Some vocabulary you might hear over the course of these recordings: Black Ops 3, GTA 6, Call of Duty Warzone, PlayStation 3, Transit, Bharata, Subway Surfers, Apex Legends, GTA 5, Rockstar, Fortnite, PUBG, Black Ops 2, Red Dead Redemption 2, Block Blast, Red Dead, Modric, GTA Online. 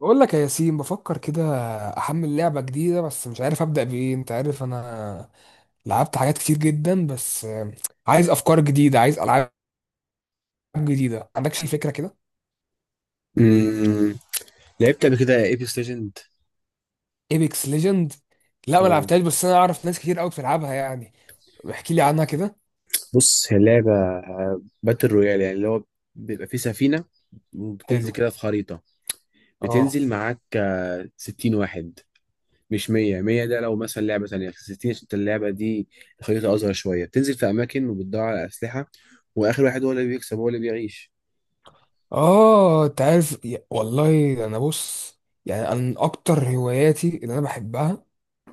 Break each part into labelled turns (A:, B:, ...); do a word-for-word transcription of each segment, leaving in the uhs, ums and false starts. A: بقول لك يا ياسين، بفكر كده احمل لعبة جديدة، بس مش عارف ابدأ بايه. انت عارف انا لعبت حاجات كتير جدا، بس آه، عايز افكار جديدة، عايز العاب جديدة. ما عندكش أي فكرة كده؟
B: امم لعبت قبل كده ايبكس ليجند.
A: ايبكس ليجند؟ لا، ما
B: اه،
A: لعبتهاش، بس انا اعرف ناس كتير قوي بتلعبها يعني. احكي لي عنها كده.
B: بص هي لعبه باتل رويال، يعني اللي هو بيبقى فيه سفينه وبتنزل
A: حلو.
B: كده في خريطه.
A: اه.
B: بتنزل معاك آه، ستين واحد، مش مية. مية ده لو مثلا لعبه ثانيه، ستين عشان اللعبه دي الخريطه اصغر شويه. بتنزل في اماكن وبتدور على اسلحه، واخر واحد هو اللي بيكسب، هو اللي بيعيش.
A: اه، انت عارف يا- والله انا بص، يعني انا من اكتر هواياتي اللي انا بحبها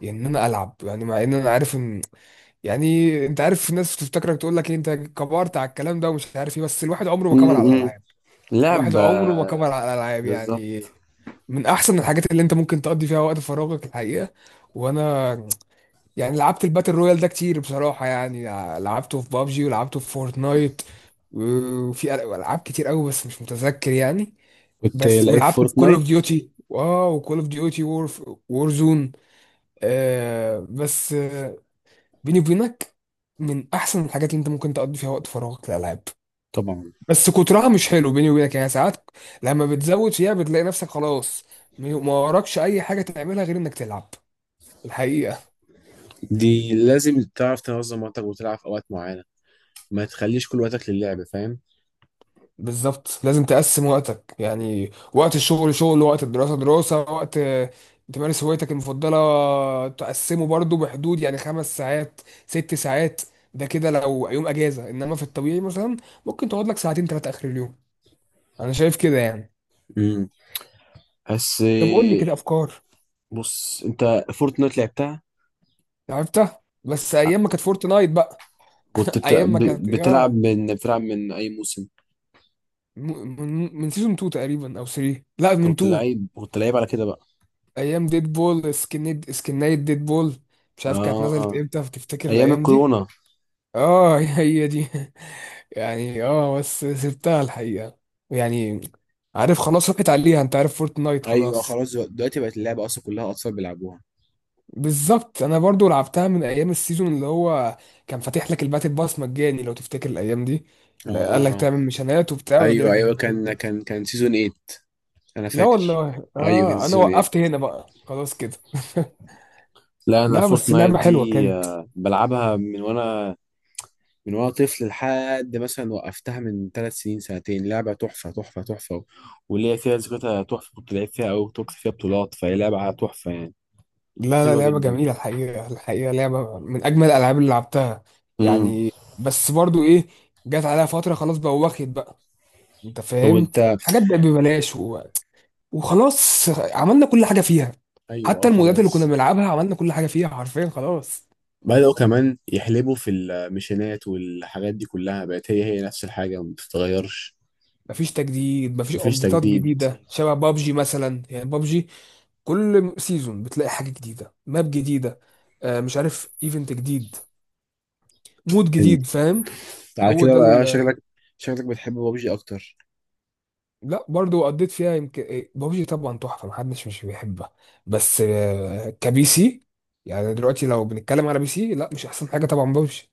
A: ان انا العب. يعني مع ان انا عارف ان، يعني انت عارف، في ناس تفتكرك تقول لك ايه، انت كبرت على الكلام ده ومش عارف ايه، بس الواحد عمره ما كبر على
B: امم
A: الالعاب. الواحد
B: لعبه.
A: عمره ما كبر على الالعاب يعني.
B: بالظبط.
A: من احسن الحاجات اللي انت ممكن تقضي فيها وقت فراغك، الحقيقه. وانا يعني لعبت الباتل رويال ده كتير، بصراحه يعني. لعبته في بابجي ولعبته في فورتنايت، وفي العاب كتير قوي بس مش متذكر يعني.
B: كنت
A: بس
B: لعيب
A: ولعبت في كول اوف
B: فورتنايت.
A: ديوتي، واو، كول اوف ديوتي وور، وور زون. آه بس، بيني وبينك، من احسن الحاجات اللي انت ممكن تقضي فيها وقت فراغك الالعاب.
B: طبعا.
A: بس كترها مش حلو، بيني وبينك يعني. ساعات لما بتزود فيها بتلاقي نفسك خلاص، ما وراكش اي حاجه تعملها غير انك تلعب، الحقيقه.
B: دي لازم تعرف تنظم وقتك وتلعب في اوقات معينه، ما تخليش كل وقتك للعب، فاهم؟
A: بالظبط، لازم تقسم وقتك، يعني وقت الشغل شغل، وقت الدراسه دراسه، وقت آه، تمارس هوايتك المفضله تقسمه برضو بحدود يعني خمس ساعات، ست ساعات. ده كده لو يوم اجازه، انما في الطبيعي مثلا ممكن تقعد لك ساعتين ثلاثه اخر اليوم. انا شايف كده يعني.
B: امم بس
A: طب قول لي
B: آه،
A: كده افكار.
B: بص انت، فورتنايت لعبتها.
A: عرفتها، بس ايام ما كانت فورتنايت بقى.
B: كنت بت-
A: ايام ما
B: ب-
A: كانت
B: بتلعب
A: يا
B: من بتلعب من اي موسم؟
A: م- من من سيزون اتنين تقريبا او تلاتة، لا
B: انت
A: من
B: كنت
A: اتنين.
B: لعيب كنت لعيب على كده بقى.
A: ايام ديد بول سكنيد سكنايت ديد بول. مش عارف كانت نزلت
B: اه،
A: امتى، تفتكر
B: ايام
A: الايام دي؟
B: الكورونا.
A: اه هي دي يعني. اه، بس سبتها الحقيقة يعني. عارف، خلاص، راحت عليها. انت عارف، فورتنايت
B: ايوه
A: خلاص.
B: خلاص، دلوقتي دلوقتي بقت اللعبه اصلا كلها اطفال بيلعبوها.
A: بالظبط، انا برضو لعبتها من ايام السيزون اللي هو كان فاتح لك الباتل باس مجاني، لو تفتكر الايام دي. لا، قال لك
B: اه،
A: تعمل ميشنات وبتاع ويجي
B: ايوه
A: لك
B: ايوه،
A: الباتل
B: كان
A: باس.
B: كان كان سيزون تمانية انا
A: لا
B: فاكر.
A: والله،
B: ايوه كان
A: اه، انا
B: سيزون تمانية.
A: وقفت هنا بقى خلاص كده.
B: لا، انا
A: لا بس
B: فورتنايت
A: لعبة حلوة
B: دي
A: كانت.
B: آه، بلعبها من وانا من وانا طفل، لحد مثلا وقفتها من ثلاث سنين سنتين. لعبه تحفه تحفه تحفه، وليا فيها ذكرياتها تحفه. كنت لعبت فيها او كنت فيها بطولات، فهي لعبه تحفه يعني.
A: لا لا،
B: حلوه
A: لعبة
B: جدا.
A: جميلة الحقيقة. الحقيقة لعبة من اجمل الالعاب اللي لعبتها.
B: امم
A: يعني بس برضو ايه، جت عليها فترة خلاص بقى، واخد بقى، انت
B: طب
A: فاهم.
B: وانت؟
A: حاجات بقت ببلاش وخلاص، عملنا كل حاجه فيها.
B: ايوه
A: حتى
B: اه
A: المودات اللي كنا
B: خلاص.
A: بنلعبها عملنا كل حاجه فيها حرفيا خلاص.
B: بدأوا كمان يحلبوا في الميشنات، والحاجات دي كلها بقت هي هي نفس الحاجه، ما بتتغيرش.
A: مفيش تجديد، مفيش
B: مفيش
A: ابديتات
B: تجديد.
A: جديده. شبه بابجي مثلا، يعني بابجي كل سيزون بتلاقي حاجه جديده، ماب جديده، آه، مش عارف، ايفنت جديد، مود
B: انت
A: جديد، فاهم.
B: على
A: هو
B: كده
A: ده
B: بقى
A: ال-
B: شكلك شكلك بتحب بابجي اكتر؟
A: لا برضو قضيت فيها يمكن إيه، بابجي طبعا تحفه، محدش مش بيحبها. بس آه، كبي سي يعني. دلوقتي لو بنتكلم على بي سي، لا، مش احسن حاجه طبعا، بابجي.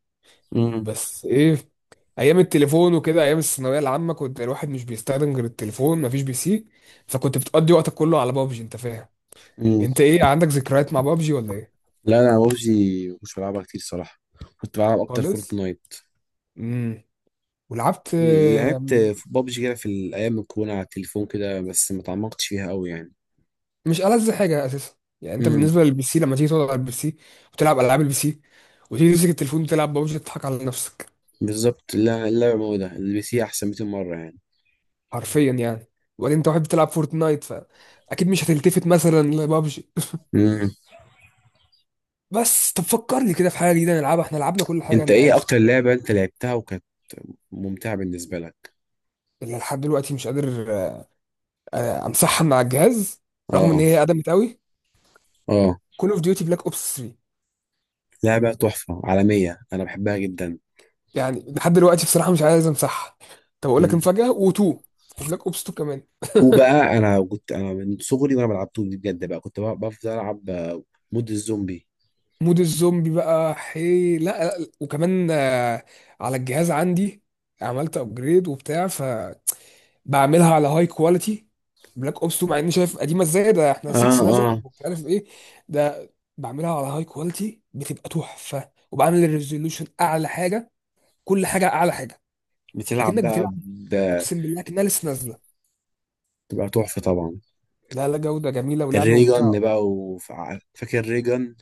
B: امم
A: بس ايه، ايام التليفون وكده، ايام الثانويه العامه، كنت الواحد مش بيستخدم غير التليفون، مفيش بي سي، فكنت بتقضي وقتك كله على بابجي، انت فاهم.
B: امم
A: انت ايه، عندك ذكريات مع بابجي ولا ايه؟
B: لا، انا بابجي مش بلعبها كتير صراحه، كنت بلعب اكتر
A: خالص.
B: فورتنايت.
A: امم. ولعبت
B: لعبت
A: آم،
B: في بابجي كده في الايام الكورونا على التليفون كده، بس ما تعمقتش فيها قوي يعني.
A: مش ألذ حاجه اساسا يعني. انت
B: امم
A: بالنسبه للبي سي، لما تيجي تقعد على البي سي وتلعب العاب البي سي، وتيجي تمسك التليفون وتلعب بابجي، تضحك على نفسك
B: بالظبط، لا، اللعبه موجوده البي سي احسن ميتين مره يعني.
A: حرفيا يعني. وبعدين انت واحد بتلعب فورتنايت، فاكيد مش هتلتفت مثلا لبابجي.
B: امم
A: بس طب فكرني كده في حاجه جديده نلعبها، احنا لعبنا كل حاجه
B: انت
A: انت
B: ايه
A: عارف.
B: اكتر لعبه انت لعبتها وكانت ممتعه بالنسبه لك؟
A: اللي لحد دلوقتي مش قادر آه، امسحها مع الجهاز، رغم ان
B: اه
A: هي قدمت قوي،
B: اه،
A: كول اوف ديوتي بلاك اوبس تلاتة.
B: لعبه تحفه عالميه، انا بحبها جدا.
A: يعني لحد دلوقتي بصراحه مش عايز امسحها. طب اقول لك
B: امم
A: مفاجاه، و2، وبلاك اوبس اتنين كمان.
B: وبقى انا كنت، انا من صغري وانا بلعب طول، بجد بقى كنت بقى بفضل العب آه، مود الزومبي.
A: مود الزومبي بقى، حي لا لا لا. وكمان آه، على الجهاز عندي عملت ابجريد وبتاع، فبعملها على هاي كواليتي. بلاك اوبس اتنين، مع اني شايف قديمه ازاي، ده احنا
B: اه
A: ستة نزل
B: اه،
A: ومش عارف ايه ده. بعملها على هاي كواليتي، بتبقى تحفه، وبعمل الريزولوشن اعلى حاجه، كل حاجه اعلى حاجه،
B: بتلعب
A: اكنك
B: بقى
A: بتلعب.
B: ب-
A: اقسم بالله اكنها لسه نازله.
B: بتبقى تحفه طبعا.
A: لا لا، جوده جميله ولعبه ممتعه.
B: الريجن بقى، وفاكر الريجن.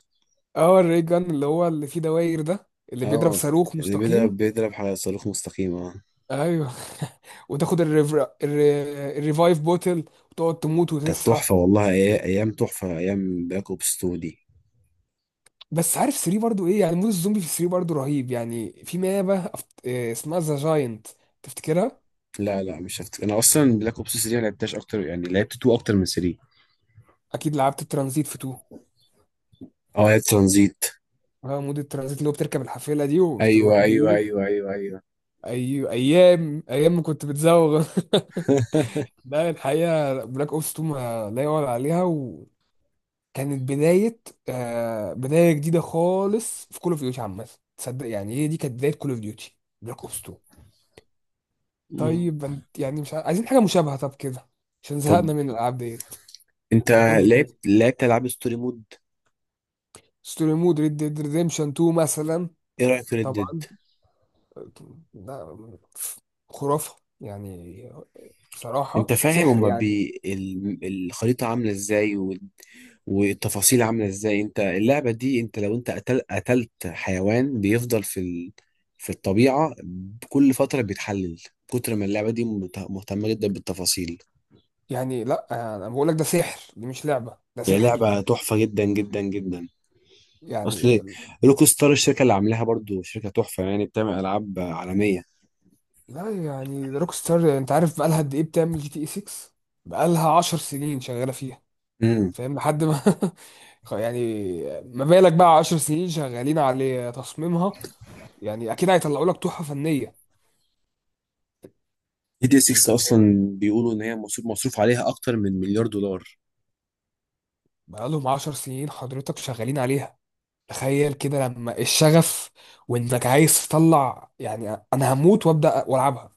A: اه، الري جان اللي هو اللي فيه دواير ده، اللي بيضرب
B: اه،
A: صاروخ
B: اللي
A: مستقيم.
B: بيضرب بيضرب على صاروخ مستقيم، اه.
A: ايوه وتاخد الريفر... الر... الريفايف بوتل، وتقعد تموت
B: كانت
A: وتصحى.
B: تحفة والله. أي- أيام تحفة، أيام بلاك أوبس اتنين دي.
A: بس عارف تلاتة برضو ايه يعني، مود الزومبي في تلاتة برضو رهيب يعني، في مابة أفت... إيه اسمها، ذا جاينت، تفتكرها؟
B: لا لا، مش هفتكر، أنا أصلا بلاك أوبس تلاتة ما لعبتهاش أكتر، يعني لعبت اتنين أكتر من تلاتة.
A: اكيد لعبت الترانزيت في اتنين.
B: اه لعبت ترانزيت.
A: اه مود الترانزيت، اللي هو بتركب الحافلة دي وبتروح
B: أيوه أيوه
A: بيه.
B: أيوه أيوه أيوه.
A: ايوه، ايام ايام ما كنت بتزوغ لا الحقيقة بلاك أوبس اتنين ما لا يعلى عليها، وكانت بداية، آه بداية جديدة خالص في كول اوف ديوتي عامة. تصدق يعني، هي دي كانت بداية كول اوف ديوتي، بلاك أوبس اتنين.
B: مم.
A: طيب انت يعني مش عاي- عايزين حاجة مشابهة طب كده، عشان
B: طب
A: زهقنا من الألعاب ديت.
B: أنت
A: قول لي
B: لعبت
A: كده.
B: لعبت ألعاب ستوري مود.
A: ستوري مود، ريد ديد ريديمشن اتنين مثلا؟
B: إيه رأيك في ريد ديد؟
A: طبعا، ده خرافة يعني.
B: أنت
A: بصراحة
B: فاهم
A: سحر
B: هما
A: يعني.
B: بي ال... الخريطة عاملة إزاي، والتفاصيل عاملة ازاي. انت اللعبة دي، انت لو انت قتل قتلت حيوان، بيفضل في ال... في الطبيعة كل فترة بيتحلل. كتر ما اللعبة دي مت- مهتمة جدا بالتفاصيل.
A: يعني لا، انا بقول لك ده سحر، دي مش لعبة، ده
B: هي
A: سحر
B: لعبة تحفة جدا جدا جدا. اصل
A: يعني.
B: روك ستار، الشركة اللي عاملاها، برضو شركة تحفة يعني، بتعمل العاب عالمية.
A: لا يعني، روك ستار، انت عارف بقالها قد ايه بتعمل جي تي اي ستة؟ بقالها عشر سنين شغاله فيها،
B: امم
A: فاهم، لحد ما خ- يعني ما بالك بقى عشر سنين شغالين على تصميمها، يعني اكيد هيطلعوا لك تحفه فنيه،
B: جي تي
A: انت
B: ستة
A: فاهم.
B: اصلا بيقولوا ان هي مصروف مصروف عليها اكتر من مليار دولار.
A: بقالهم عشر سنين حضرتك شغالين عليها، تخيل كده لما الشغف وانك عايز تطلع. يعني انا هموت وابدا والعبها.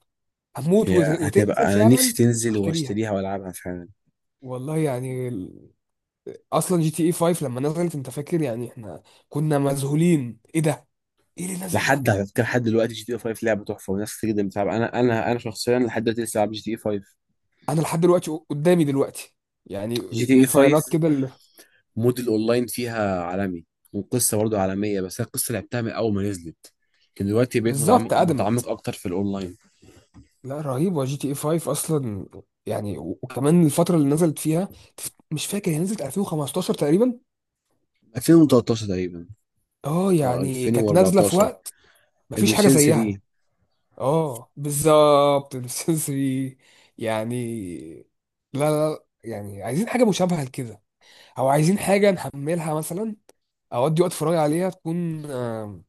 A: هموت
B: هي
A: وت- وتنزل
B: هتبقى، انا
A: فعلا
B: نفسي تنزل
A: واشتريها.
B: واشتريها والعبها فعلا.
A: والله يعني، اصلا جي تي اي خمسة لما نزلت انت فاكر يعني، احنا كنا مذهولين ايه ده، ايه اللي نزل ده.
B: لحد على فكره، لحد دلوقتي جي تي اي خمسة لعبه تحفه وناس كتير جدا بتلعب. انا انا انا شخصيا لحد دلوقتي لسه بلعب جي تي اي خمسة.
A: انا لحد دلوقتي قدامي دلوقتي يعني،
B: جي تي
A: من
B: اي
A: الفايلات
B: خمسة
A: كده اللي،
B: مود الاونلاين فيها عالمي، والقصه برضه عالميه، بس أنا القصه لعبتها من اول ما نزلت، لكن دلوقتي بقيت
A: بالظبط،
B: متعمق متعمق
A: قدمت.
B: اكتر في الاونلاين.
A: لا رهيبه جي تي اي خمسة اصلا يعني، و- وكمان الفتره اللي نزلت فيها، تف- مش فاكر، هي نزلت ألفين وخمستاشر تقريبا.
B: الفين وتلتاشر تقريبا.
A: اه
B: اه
A: يعني كانت نازله في
B: الفين واربعتاشر.
A: وقت مفيش حاجه
B: البلايستيشن
A: زيها.
B: تلاتة.
A: اه بالظبط، السنسري يعني. لا لا لا، يعني عايزين حاجه مشابهه لكده، او عايزين حاجه نحملها مثلا اودي وقت فراغي عليها، تكون آه،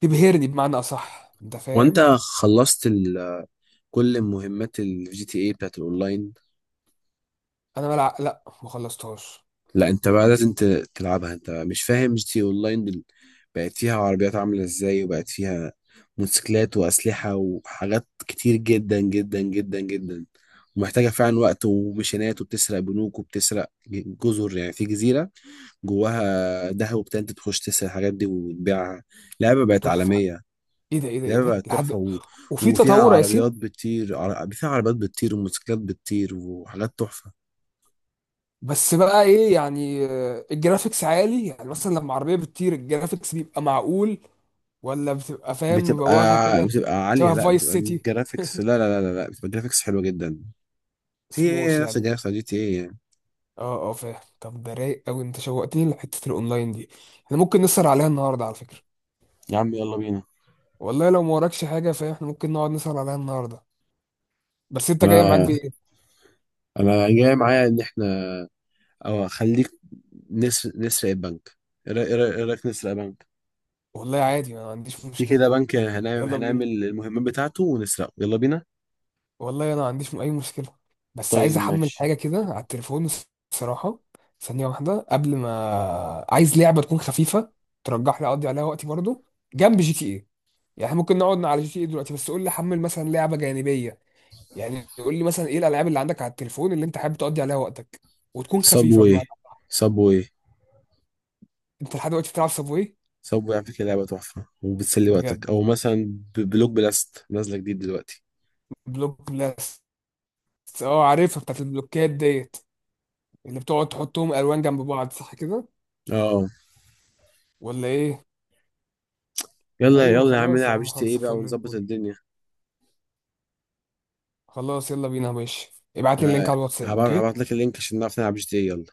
A: تبهرني، بمعنى اصح، انت
B: وانت
A: فاهم.
B: خلصت ال... كل مهمات الجي تي اي بتاعت الاونلاين؟
A: انا ملع... لا، ما خلصتهاش.
B: لا، انت بقى لازم ت- تلعبها. انت مش فاهم، جي تي اونلاين دل... بقت فيها عربيات عاملة ازاي، وبقت فيها موتوسيكلات وأسلحة وحاجات كتير جدا جدا جدا جدا. ومحتاجة فعلا وقت وميشنات، وبتسرق بنوك، وبتسرق جزر. يعني في جزيرة جواها دهب وبتاع، انت تخش تسرق الحاجات دي وتبيعها. لعبة بقت
A: تحفه.
B: عالمية،
A: ايه ده، ايه ده، ايه
B: لعبة
A: ده،
B: بقت تحفة
A: لحد،
B: و...
A: وفي
B: وفيها
A: تطور يا
B: عربيات
A: ياسين.
B: بتطير عر... فيها عربيات بتطير وموتوسيكلات بتطير، وحاجات تحفة.
A: بس بقى ايه يعني، آه، الجرافيكس عالي يعني مثلا لما عربيه بتطير، الجرافيكس بيبقى معقول ولا بتبقى فاهم
B: بتبقى
A: مبوخه كده؟
B: بتبقى عالية،
A: شبه
B: لا
A: فايس
B: بتبقى
A: سيتي،
B: الجرافيكس، لا لا لا لا لا، بتبقى جرافيكس حلوة جدا. هي
A: سموث
B: هي نفس
A: يعني.
B: الجرافيكس بتاع جي تي ايه يعني.
A: اه اه فاهم. طب ده رايق قوي، انت شوقتني لحته الاونلاين دي، احنا ممكن نسهر عليها النهارده على فكره.
B: يا عم يلا بينا.
A: والله لو ما وراكش حاجه، فاهم، احنا ممكن نقعد نسهر عليها النهارده. بس انت جاي معاك
B: انا
A: بايه؟
B: انا جاي معايا ان احنا، او خليك، نسر نسرق البنك. ايه رأي- إيه رأي- إيه رأيك نسرق بنك؟
A: والله عادي، انا ما عنديش
B: في
A: مشكلة.
B: كده بنك، هنعمل
A: يلا بينا.
B: هنعمل المهمات بتاعته ونسرقه، يلا بينا.
A: والله انا ما عنديش اي مشكلة، بس عايز
B: طيب
A: احمل
B: ماشي.
A: حاجة كده على التليفون، الصراحة. ثانية واحدة قبل ما، عايز لعبة تكون خفيفة ترجح لي، اقضي عليها وقتي برضو جنب جي تي ايه. يعني إحنا ممكن نقعد على جي تي ايه دلوقتي، بس قول لي حمل مثلا لعبة جانبية. يعني قول لي مثلا، ايه الالعاب اللي عندك على التليفون اللي انت حابب تقضي عليها وقتك، وتكون خفيفة
B: صابوي.
A: بمعنى.
B: صابوي.
A: انت لحد دلوقتي بتلعب صابواي؟
B: صابوي على فكرة لعبة تحفة وبتسلي وقتك،
A: بجد؟
B: أو مثلا ب- بلوك بلاست نازلة جديد دلوقتي.
A: بلوك بلاست، اه عارفها، بتاعت البلوكات ديت، اللي بتقعد تحطهم الوان جنب بعض صح كده
B: اه
A: ولا ايه؟
B: يلا
A: ايوه
B: يلا يا عم
A: خلاص يا
B: نلعب
A: عم،
B: جي تي
A: خلص،
B: ايه بقى
A: فل
B: ونظبط
A: الفل.
B: الدنيا.
A: خلاص يلا بينا يا باشا، ابعت لي اللينك
B: ه-
A: على الواتساب،
B: هبعت هبعت
A: اوكي؟
B: لك اللينك عشان نعرف نلعب جي تي اي يلا.